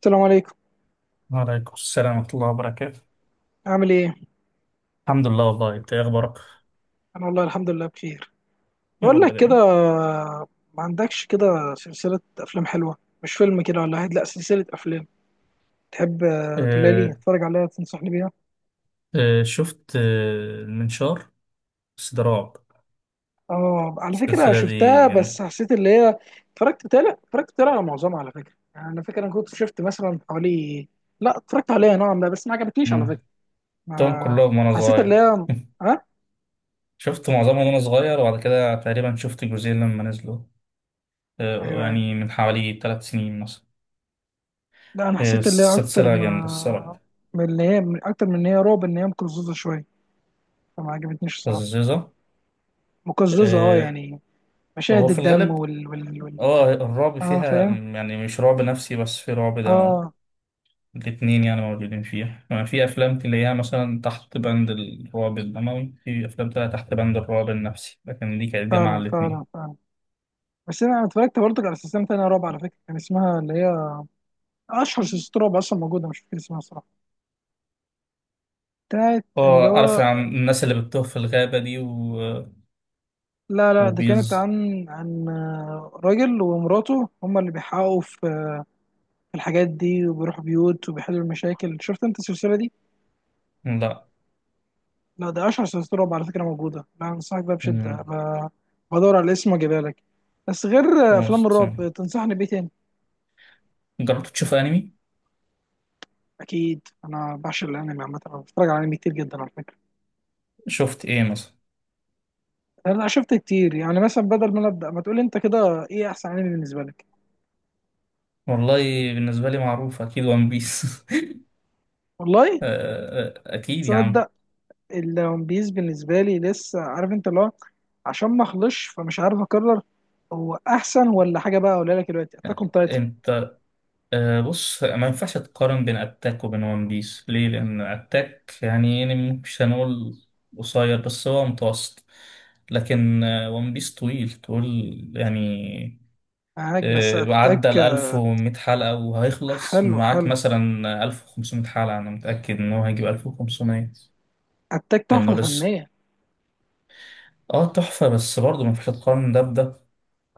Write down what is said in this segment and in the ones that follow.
السلام عليكم. وعليكم السلام ورحمة الله وبركاته. عامل ايه؟ الحمد لله. والله انت ايه اخبارك؟ انا والله الحمد لله بخير. يا بقول رب لك كده، دايما. ما عندكش كده سلسلة افلام حلوة؟ مش فيلم كده ولا واحد، لا سلسلة افلام تحب تقولها لي آه اتفرج عليها، تنصحني بيها. آه. شفت المنشار، بس ده رعب. اه على فكرة السلسلة شفتها دي جامدة. بس حسيت اللي هي. اتفرجت تالي على معظمها على فكرة، يعني انا فاكر انا كنت شفت مثلا حوالي. لا اتفرجت عليها نوعا ما بس ما عجبتنيش على مم. فكرة. شفتهم ما كلهم وانا حسيت اللي صغير. هي. ها. شفت معظمهم وانا صغير، وبعد كده تقريبا شفت جزئين لما نزلوا. ايوه، ايوه. يعني من حوالي ثلاث سنين مثلا. لا انا حسيت اللي هي اكتر السلسلة جامدة ما الصراحة. من اللي هي، من اكتر من ان هي رعب ان هي مقززة شوية، فما عجبتنيش الصراحه. لذيذة. مقززه اه آه يعني. هو مشاهد في الدم الغالب وال. اه الرعب اه فيها، فاهم. يعني مش رعب نفسي بس في رعب دموي. اه. الاتنين يعني موجودين فيها. يعني في أفلام تلاقيها مثلا تحت بند الرعب الدموي، في أفلام تلاقيها تحت بند الرعب النفسي، لكن دي كانت جامعة فعلا فعلا الاتنين. فعلا. بس انا اتفرجت برضك على سلسله تانية رعب على فكره، كان اسمها اللي هي اشهر سلسله رعب اصلا موجوده، مش فاكر اسمها الصراحه. بتاعت اللي اه عارف، هو. عن الناس اللي بتتوه في الغابة دي و لا ده كانت وبيز. عن عن راجل ومراته هما اللي بيحققوا في في الحاجات دي، وبيروحوا بيوت وبيحلوا المشاكل. شفت انت السلسله دي؟ لا. لا ده اشهر سلسله رعب على فكره موجوده، انا انصحك بيها بشده. مم. ما بدور على الاسم واجيبها لك. بس غير افلام lost. الرعب تنصحني بايه تاني؟ جربت تشوف أنمي؟ اكيد انا بعشق الانمي عامه، انا بتفرج على انمي كتير جدا على فكره. شفت إيه مثلا؟ انا شفت كتير، يعني مثلا بدل ما أنا ابدا ما تقولي انت كده ايه احسن انمي بالنسبه لك؟ والله، بالنسبة لي معروف أكيد ون بيس. والله. أكيد يا عم. تصدق الون بيس بالنسبه لي لسه عارف انت اللي هو، عشان ما اخلصش فمش عارف اقرر هو احسن ولا حاجه بقى اقولها لك دلوقتي اتاك اون تايتن. أنت. بص، ما ينفعش تقارن بين اتاك وبين ون بيس، ليه؟ لان اتاك يعني يعني مش هنقول قصير، بس هو متوسط، لكن ون بيس طويل طول يعني. معاك، بس أه عدى اتاك. ال 1100 حلقة، وهيخلص حلو معاك حلو. مثلا 1500 حلقة، انا متأكد ان هو هيجيب 1500، اتاك لانه تحفه لسه. فنيه. اه تحفة، بس برضه ما ينفعش تقارن ده بده.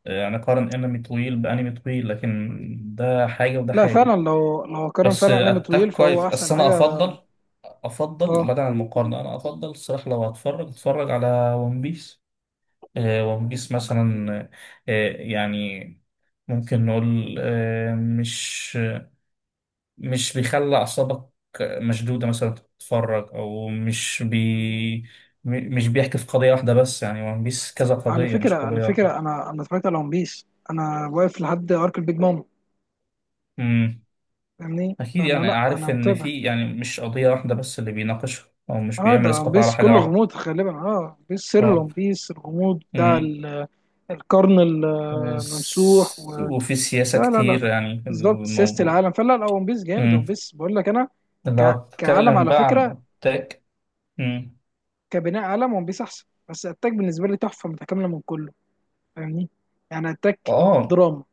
يعني قارن انمي طويل بانمي طويل، لكن ده حاجة وده لا فعلا، حاجة. لو قارن بس فعلا انمي اتاك طويل فهو كويس، احسن بس انا حاجه. افضل. افضل بعد اه عن المقارنه، انا افضل الصراحه لو هتفرج اتفرج على ون بيس. ون بيس مثلا يعني ممكن نقول مش بيخلي اعصابك مشدوده مثلا. تتفرج او مش بي، مش بيحكي في قضيه واحده بس. يعني ون بيس كذا على قضيه فكره مش على قضيه واحده. فكره، انا اتفرجت على ون بيس، انا واقف لحد ارك البيج مام، امم فاهمني؟ اكيد فانا يعني لا انا عارف ان متابع. في يعني مش قضيه واحده بس اللي بيناقشها، او مش اه ده بيعمل ون اسقاط على بيس حاجه كله واحده. غموض غالبا، اه ون بيس سر ون بيس الغموض بتاع اه القرن الممسوح. بس- وفي سياسة لا لا لا كتير لا. يعني في بالظبط سياسه الموضوع. العالم، فلا لا ون بيس جامد، ون امم بيس بقول لك انا لو كعالم اتكلم على بقى عن فكره، التاك. امم كبناء عالم ون بيس احسن، بس اتاك بالنسبه لي تحفه متكامله من كله، فاهمني؟ يعني اتاك اه دراما،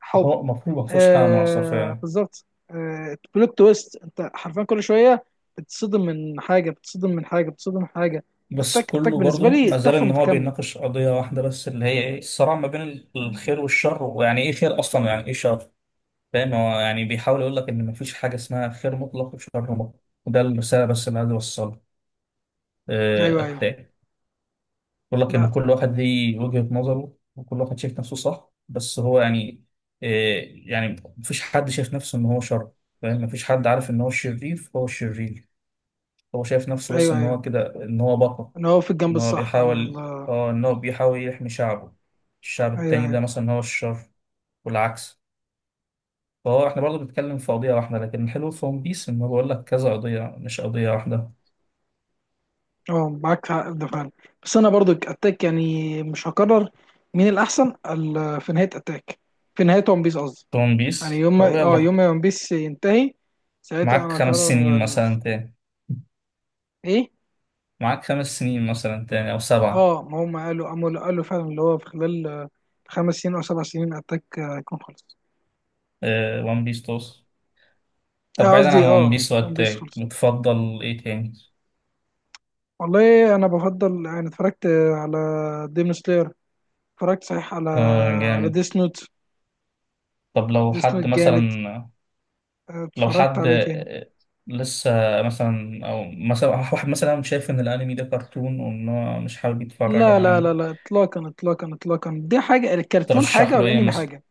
حب. هو المفروض ما فيهوش حاجة ناقصة آه فعلا. بالظبط. آه بلوت تويست انت حرفيا كل شويه بتصدم من حاجه، بتصدم من حاجه، بتصدم من حاجه. بس اتاك اتاك كله بالنسبه برضو لي ما زال تحفه ان هو متكامله. بيناقش قضية واحدة بس، اللي هي ايه؟ الصراع ما بين الخير والشر، ويعني ايه خير اصلا، ويعني ايه شر. فاهم، هو يعني بيحاول يقول لك ان ما فيش حاجة اسمها خير مطلق وشر مطلق، وده الرسالة بس اللي عايز اوصلها. ايوه، آه، ايوه. بقول لك لا، ان كل واحد ليه وجهة نظره، وكل واحد شايف نفسه صح، بس هو يعني إيه؟ يعني مفيش حد شايف نفسه ان هو شر. فاهم، مفيش حد عارف ان هو الشرير فهو الشرير. هو شايف نفسه بس ايوه، ان ايوه. هو كده، ان هو بطل. انا هو في الجنب ان هو الصح على بيحاول الله. اه ان هو بيحاول يحمي شعبه. الشعب ايوه، التاني ده ايوه. مثلا هو الشر، والعكس. فهو احنا برضه بنتكلم في قضية واحدة، لكن الحلو في ون بيس ان هو بيقول لك كذا قضية، مش قضية واحدة. اه معاك حق في ده فعلا. بس انا برضو اتاك يعني مش هكرر مين الاحسن في نهايه اتاك، في نهايه ون بيس قصدي. في ون يعني بيس، يوم طب ما اه يوم يلا. ما ون بيس ينتهي ساعتها معاك انا خمس سنين هكرر من الاحسن. مثلا تاني. ايه؟ معاك خمس سنين مثلا تاني أو سبعة. اه ما هم قالوا قاموا قالوا فعلا اللي هو في خلال 5 سنين او 7 سنين اتاك هيكون خلص. ون بيس توصل. طب بعيدا عن قصدي ون اه بيس ون بيس وأتاك، خلص. بتفضل إيه تاني؟ والله انا بفضل يعني اتفرجت على ديمون سلاير، اتفرجت صحيح على على جامد. ديس نوت. طب لو ديس نوت حد جامد. مثلا، لو اتفرجت حد على ايه تاني؟ لسه، مثلا، أو مثلا واحد مثلا شايف إن الأنمي ده كرتون، وإن هو مش حابب يتفرج لا على لا لا أنمي. لا اطلاقا اطلاقا اطلاقا، دي حاجه، الكرتون ترشح حاجه له إيه والانمي مثلا؟ حاجه.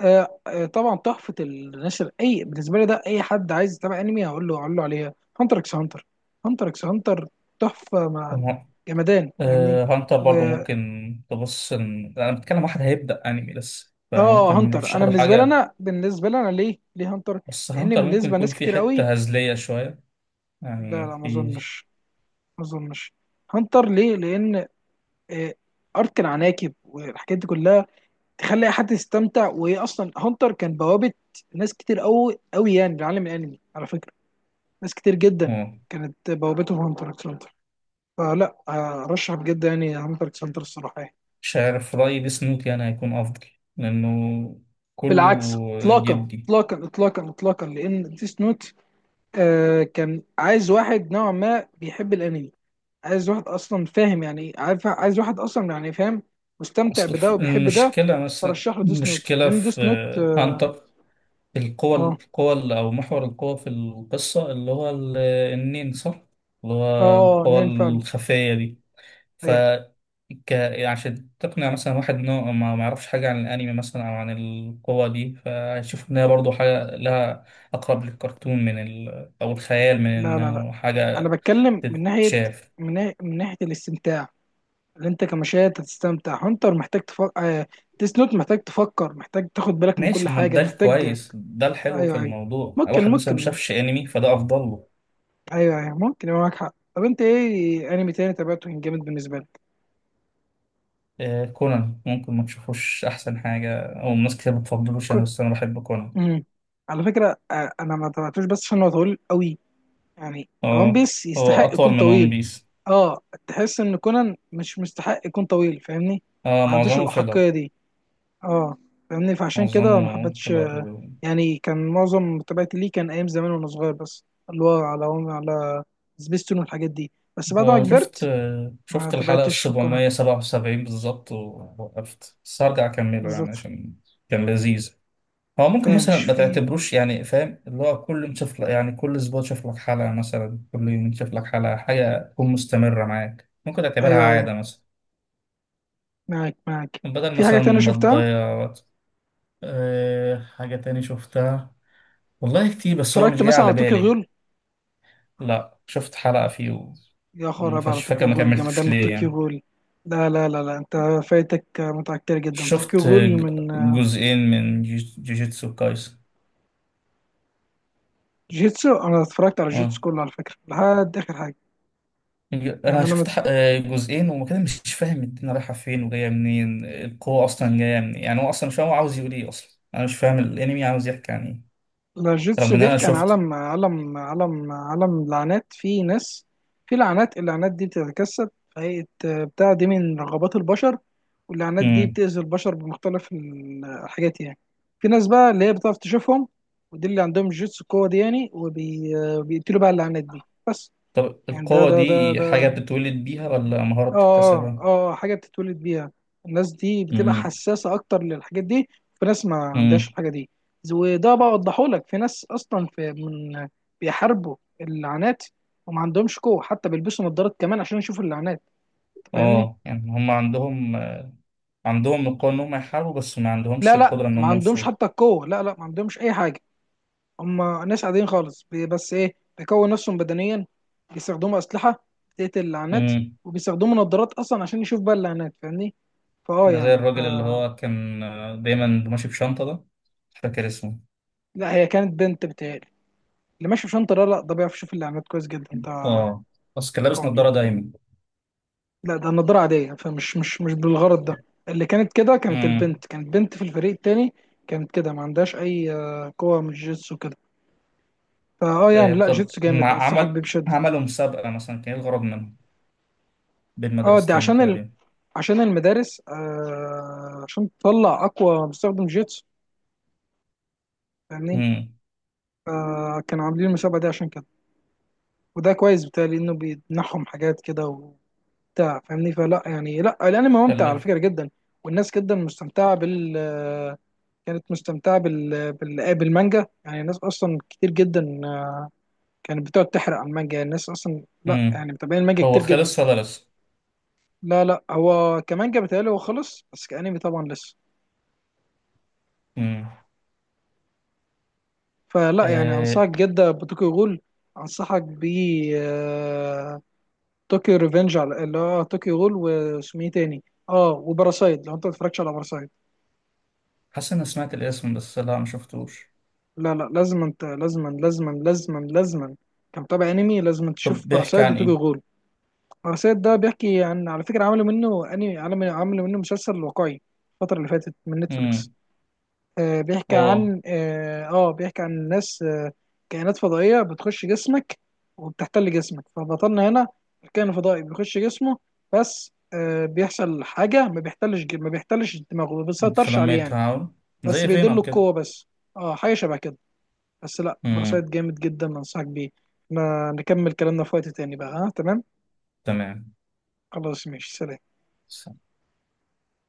طبعا تحفه النشر اي بالنسبه لي، ده اي حد عايز يتابع انمي هقول له، هقول له عليها هانتر اكس هانتر. هانتر اكس هانتر تحفه، مع طب جمدان فاهمني. هانتر و برضه ممكن. تبص، إن أنا بتكلم واحد هيبدأ أنمي لسه، فممكن اه هانتر نرشح انا له بالنسبه لي، حاجة. انا بالنسبه لي، انا ليه ليه هانتر؟ بس لان هانتر ممكن بالنسبه يكون لناس في كتير قوي. حتة هزلية شوية، لا يعني لا ما في. اظنش، ما اظنش. هانتر ليه؟ لان آه، ارك العناكب والحاجات دي كلها تخلي اي حد يستمتع. وهي اصلا هانتر كان بوابه ناس كتير قوي قوي يعني لعالم الانمي على فكره، ناس كتير جدا اه كانت بوابتهم هانتر اكس هانتر. فلا ارشح بجد يعني هانتر اكس هانتر الصراحه يعني. مش عارف رأيي بسنوك يعني هيكون أفضل، لأنه كله بالعكس اطلاقا جدي. اطلاقا اطلاقا اطلاقا، لان ديس نوت آه كان عايز واحد نوعا ما بيحب الانمي، عايز واحد اصلا فاهم يعني ايه، عارف عايز واحد اصلا يعني فاهم مستمتع أصل بده وبيحب ده، المشكلة مثلا فرشح له ديس نوت. المشكلة لان في ديس نوت اه هانتر، القوة اه. القوة اللي- أو محور القوة في القصة، اللي هو ال- النين، صح؟ اللي هو القوة نين فعلا. الخفية دي. ف، ايوه. ك، عشان تقنع مثلا واحد انه ما ما يعرفش حاجة عن الانمي مثلا او عن القوة دي، فهيشوف ان هي برضه حاجة لها اقرب للكرتون من ال او الخيال، من لا لا لا، انه انا حاجة بتكلم من ناحيه تتشاف. من ناحية الاستمتاع اللي انت كمشاهد هتستمتع. هانتر محتاج تفكر، ديس نوت محتاج تفكر، محتاج تاخد بالك من كل ماشي، ما حاجه ده محتاج. الكويس، ده الحلو في ايوه، ايوه. الموضوع. ممكن، واحد مثلا ما ممكن. شافش انمي، فده افضل له. ايوه، ايوه ممكن يبقى معاك حق. طب انت ايه انمي تاني تابعته كان جامد بالنسبه لك؟ كونان ممكن ما تشوفوش احسن حاجة، او ناس كتير ما بتفضلوش، انا كنت. بس انا بحب كونان. امم. على فكره انا ما تابعتوش بس عشان هو طويل قوي، يعني وان اه بيس هو يستحق يكون اطول من ون طويل. بيس. اه تحس ان كونان مش مستحق يكون طويل، فاهمني؟ اه ما عندوش معظمه الاحقيه فيلر. دي. اه فاهمني، فعشان كده ما معظمه حبيتش. فيلر. يعني كان معظم متابعتي ليه كان ايام زمان وانا صغير، بس اللي هو على على سبيستون والحاجات دي. بس بعد ما هو شفت كبرت ما شفت الحلقة تابعتش في القناه. السبعمية سبعة وسبعين بالظبط، ووقفت، بس هرجع أكمله يعني بالظبط. عشان كان لذيذ. هو ممكن فاهم مثلا مش ما في. تعتبروش، يعني فاهم، اللي هو كل يوم تشوف لك، يعني كل أسبوع تشوف لك حلقة مثلا، كل يوم تشوف لك حلقة، حاجة تكون مستمرة معاك ممكن تعتبرها ايوه، ايوه. عادة مثلا، معاك، معاك. بدل في حاجه مثلا تانية ما شفتها؟ تضيع وقت. أه، حاجة تاني شفتها. والله كتير بس هو اتفرجت مش جاي مثلا على على طوكيو بالي. غول. لا، شفت حلقة فيه يا خرا وما بقى على فاش فاكر طوكيو ما غول، وجمدان كملتش من ليه طوكيو يعني. غول. لا لا لا لا انت فايتك متعة كتير جدا شفت طوكيو غول من. جزئين من جوجيتسو كايسن. جيتسو انا اتفرجت على جيتسو اه كله على فكره لحد اخر حاجه. يعني انا انا شفت جزئين، وما كده مش فاهم الدنيا رايحه فين وجايه منين، القوه اصلا جايه منين، يعني هو اصلا مش فاهم هو عاوز يقول ايه، اصلا انا مش فاهم الانمي عاوز يحكي عن ايه، الجوتسو رغم ان انا بيحكي عن شفت. عالم لعنات، في ناس في لعنات، اللعنات دي بتتجسد في هيئة بتاع دي من رغبات البشر، واللعنات دي امم بتأذي البشر بمختلف الحاجات يعني. في ناس بقى اللي هي بتعرف تشوفهم، ودي اللي عندهم جوتسو القوة دي يعني، وبيقتلوا بقى اللعنات دي بس. طب يعني القوه دي ده حاجه بتتولد بيها ولا مهاره اه بتكتسبها؟ اه حاجه بتتولد بيها. الناس دي بتبقى امم حساسه اكتر للحاجات دي. في ناس ما عندهاش امم الحاجه دي. وده بقى اوضحه لك، في ناس اصلا في من بيحاربوا اللعنات وما عندهمش قوه، حتى بيلبسوا نظارات كمان عشان يشوفوا اللعنات. أنت فاهمني؟ اه يعني هم عندهم. عندهم القوه ان هم يحاربوا، بس ما عندهمش لا لا القدره ان ما هم عندهمش حتى القوه، لا لا ما عندهمش اي حاجه. هم ناس عاديين خالص بس ايه بيكون نفسهم بدنيا، بيستخدموا اسلحه بتقتل اللعنات، يفوضوا. وبيستخدموا نظارات اصلا عشان يشوف بقى اللعنات، فاهمني؟ ده زي يعني ف. الراجل اللي هو كان دايما ماشي بشنطة ده، مش فاكر اسمه. لا هي كانت بنت بتهيألي، اللي ماشي بشنطة لا لا ده بيعرف يشوف الإعلانات كويس جدا ده، اه بس كان لابس قوي نظارة جدا. دايما. لا ده النضارة عادية، فمش مش مش بالغرض ده. اللي كانت كده كانت امم البنت، كانت بنت في الفريق التاني، كانت كده ما عندهاش أي قوة من الجيتسو كده. فأه يعني لا طب جيتسو هم جامد، أنصحك عمل بيه بشدة. عملوا مسابقة مثلا، كان ايه الغرض منها بين أه دي مدرستين عشان تقريبا. عشان المدارس عشان تطلع أقوى مستخدم جيتسو، فاهمني؟ امم كانوا عاملين المسابقة دي عشان كده، وده كويس بتهيألي إنه بيمنحهم حاجات كده، بتاع فاهمني. فلا يعني لا الانمي ممتع على كلف. فكره جدا، والناس جدا مستمتعه بال، كانت مستمتعه بالمانجا، يعني الناس اصلا كتير جدا كانت بتقعد تحرق على المانجا، يعني الناس اصلا لا امم يعني متابعين المانجا هو كتير جدا. خلص ولا لسه؟ لا لا هو كمانجا بيتهيألي هو خلص، بس كانمي طبعا لسه. امم فلا يعني آه، انصحك جدا بطوكيو غول. انصحك ب آه، طوكيو ريفنج، على اللي هو طوكيو غول واسمه ايه تاني. اه وباراسايد، لو انت ما اتفرجتش على باراسايد حاسس اني سمعت الاسم، بس لا، ما شفتوش. لا لا لازم انت، لازما لازما لازما لازما، كمتابع انمي لازم تشوف طب بيحكي باراسايت عن وتوكيو ايه؟ غول. باراسايت ده بيحكي عن، على فكره عملوا منه انمي، عملوا عملوا منه مسلسل واقعي الفتره اللي فاتت من نتفليكس. امم آه بيحكي اه عن اه بيحكي عن ناس آه كائنات فضائيه بتخش جسمك وبتحتل جسمك، فبطلنا هنا الكائن الفضائي بيخش جسمه، بس آه بيحصل حاجه ما بيحتلش، ما بيحتلش دماغه ما انت بيسيطرش عليه خلميت يعني، تعاون، بس زي بيدله فينوم كده. القوه بس. اه حاجه شبه كده. بس لا باراسايت امم جامد جدا، انصحك بيه. احنا نكمل كلامنا في وقت تاني بقى، ها تمام؟ تمام. خلاص ماشي، سلام.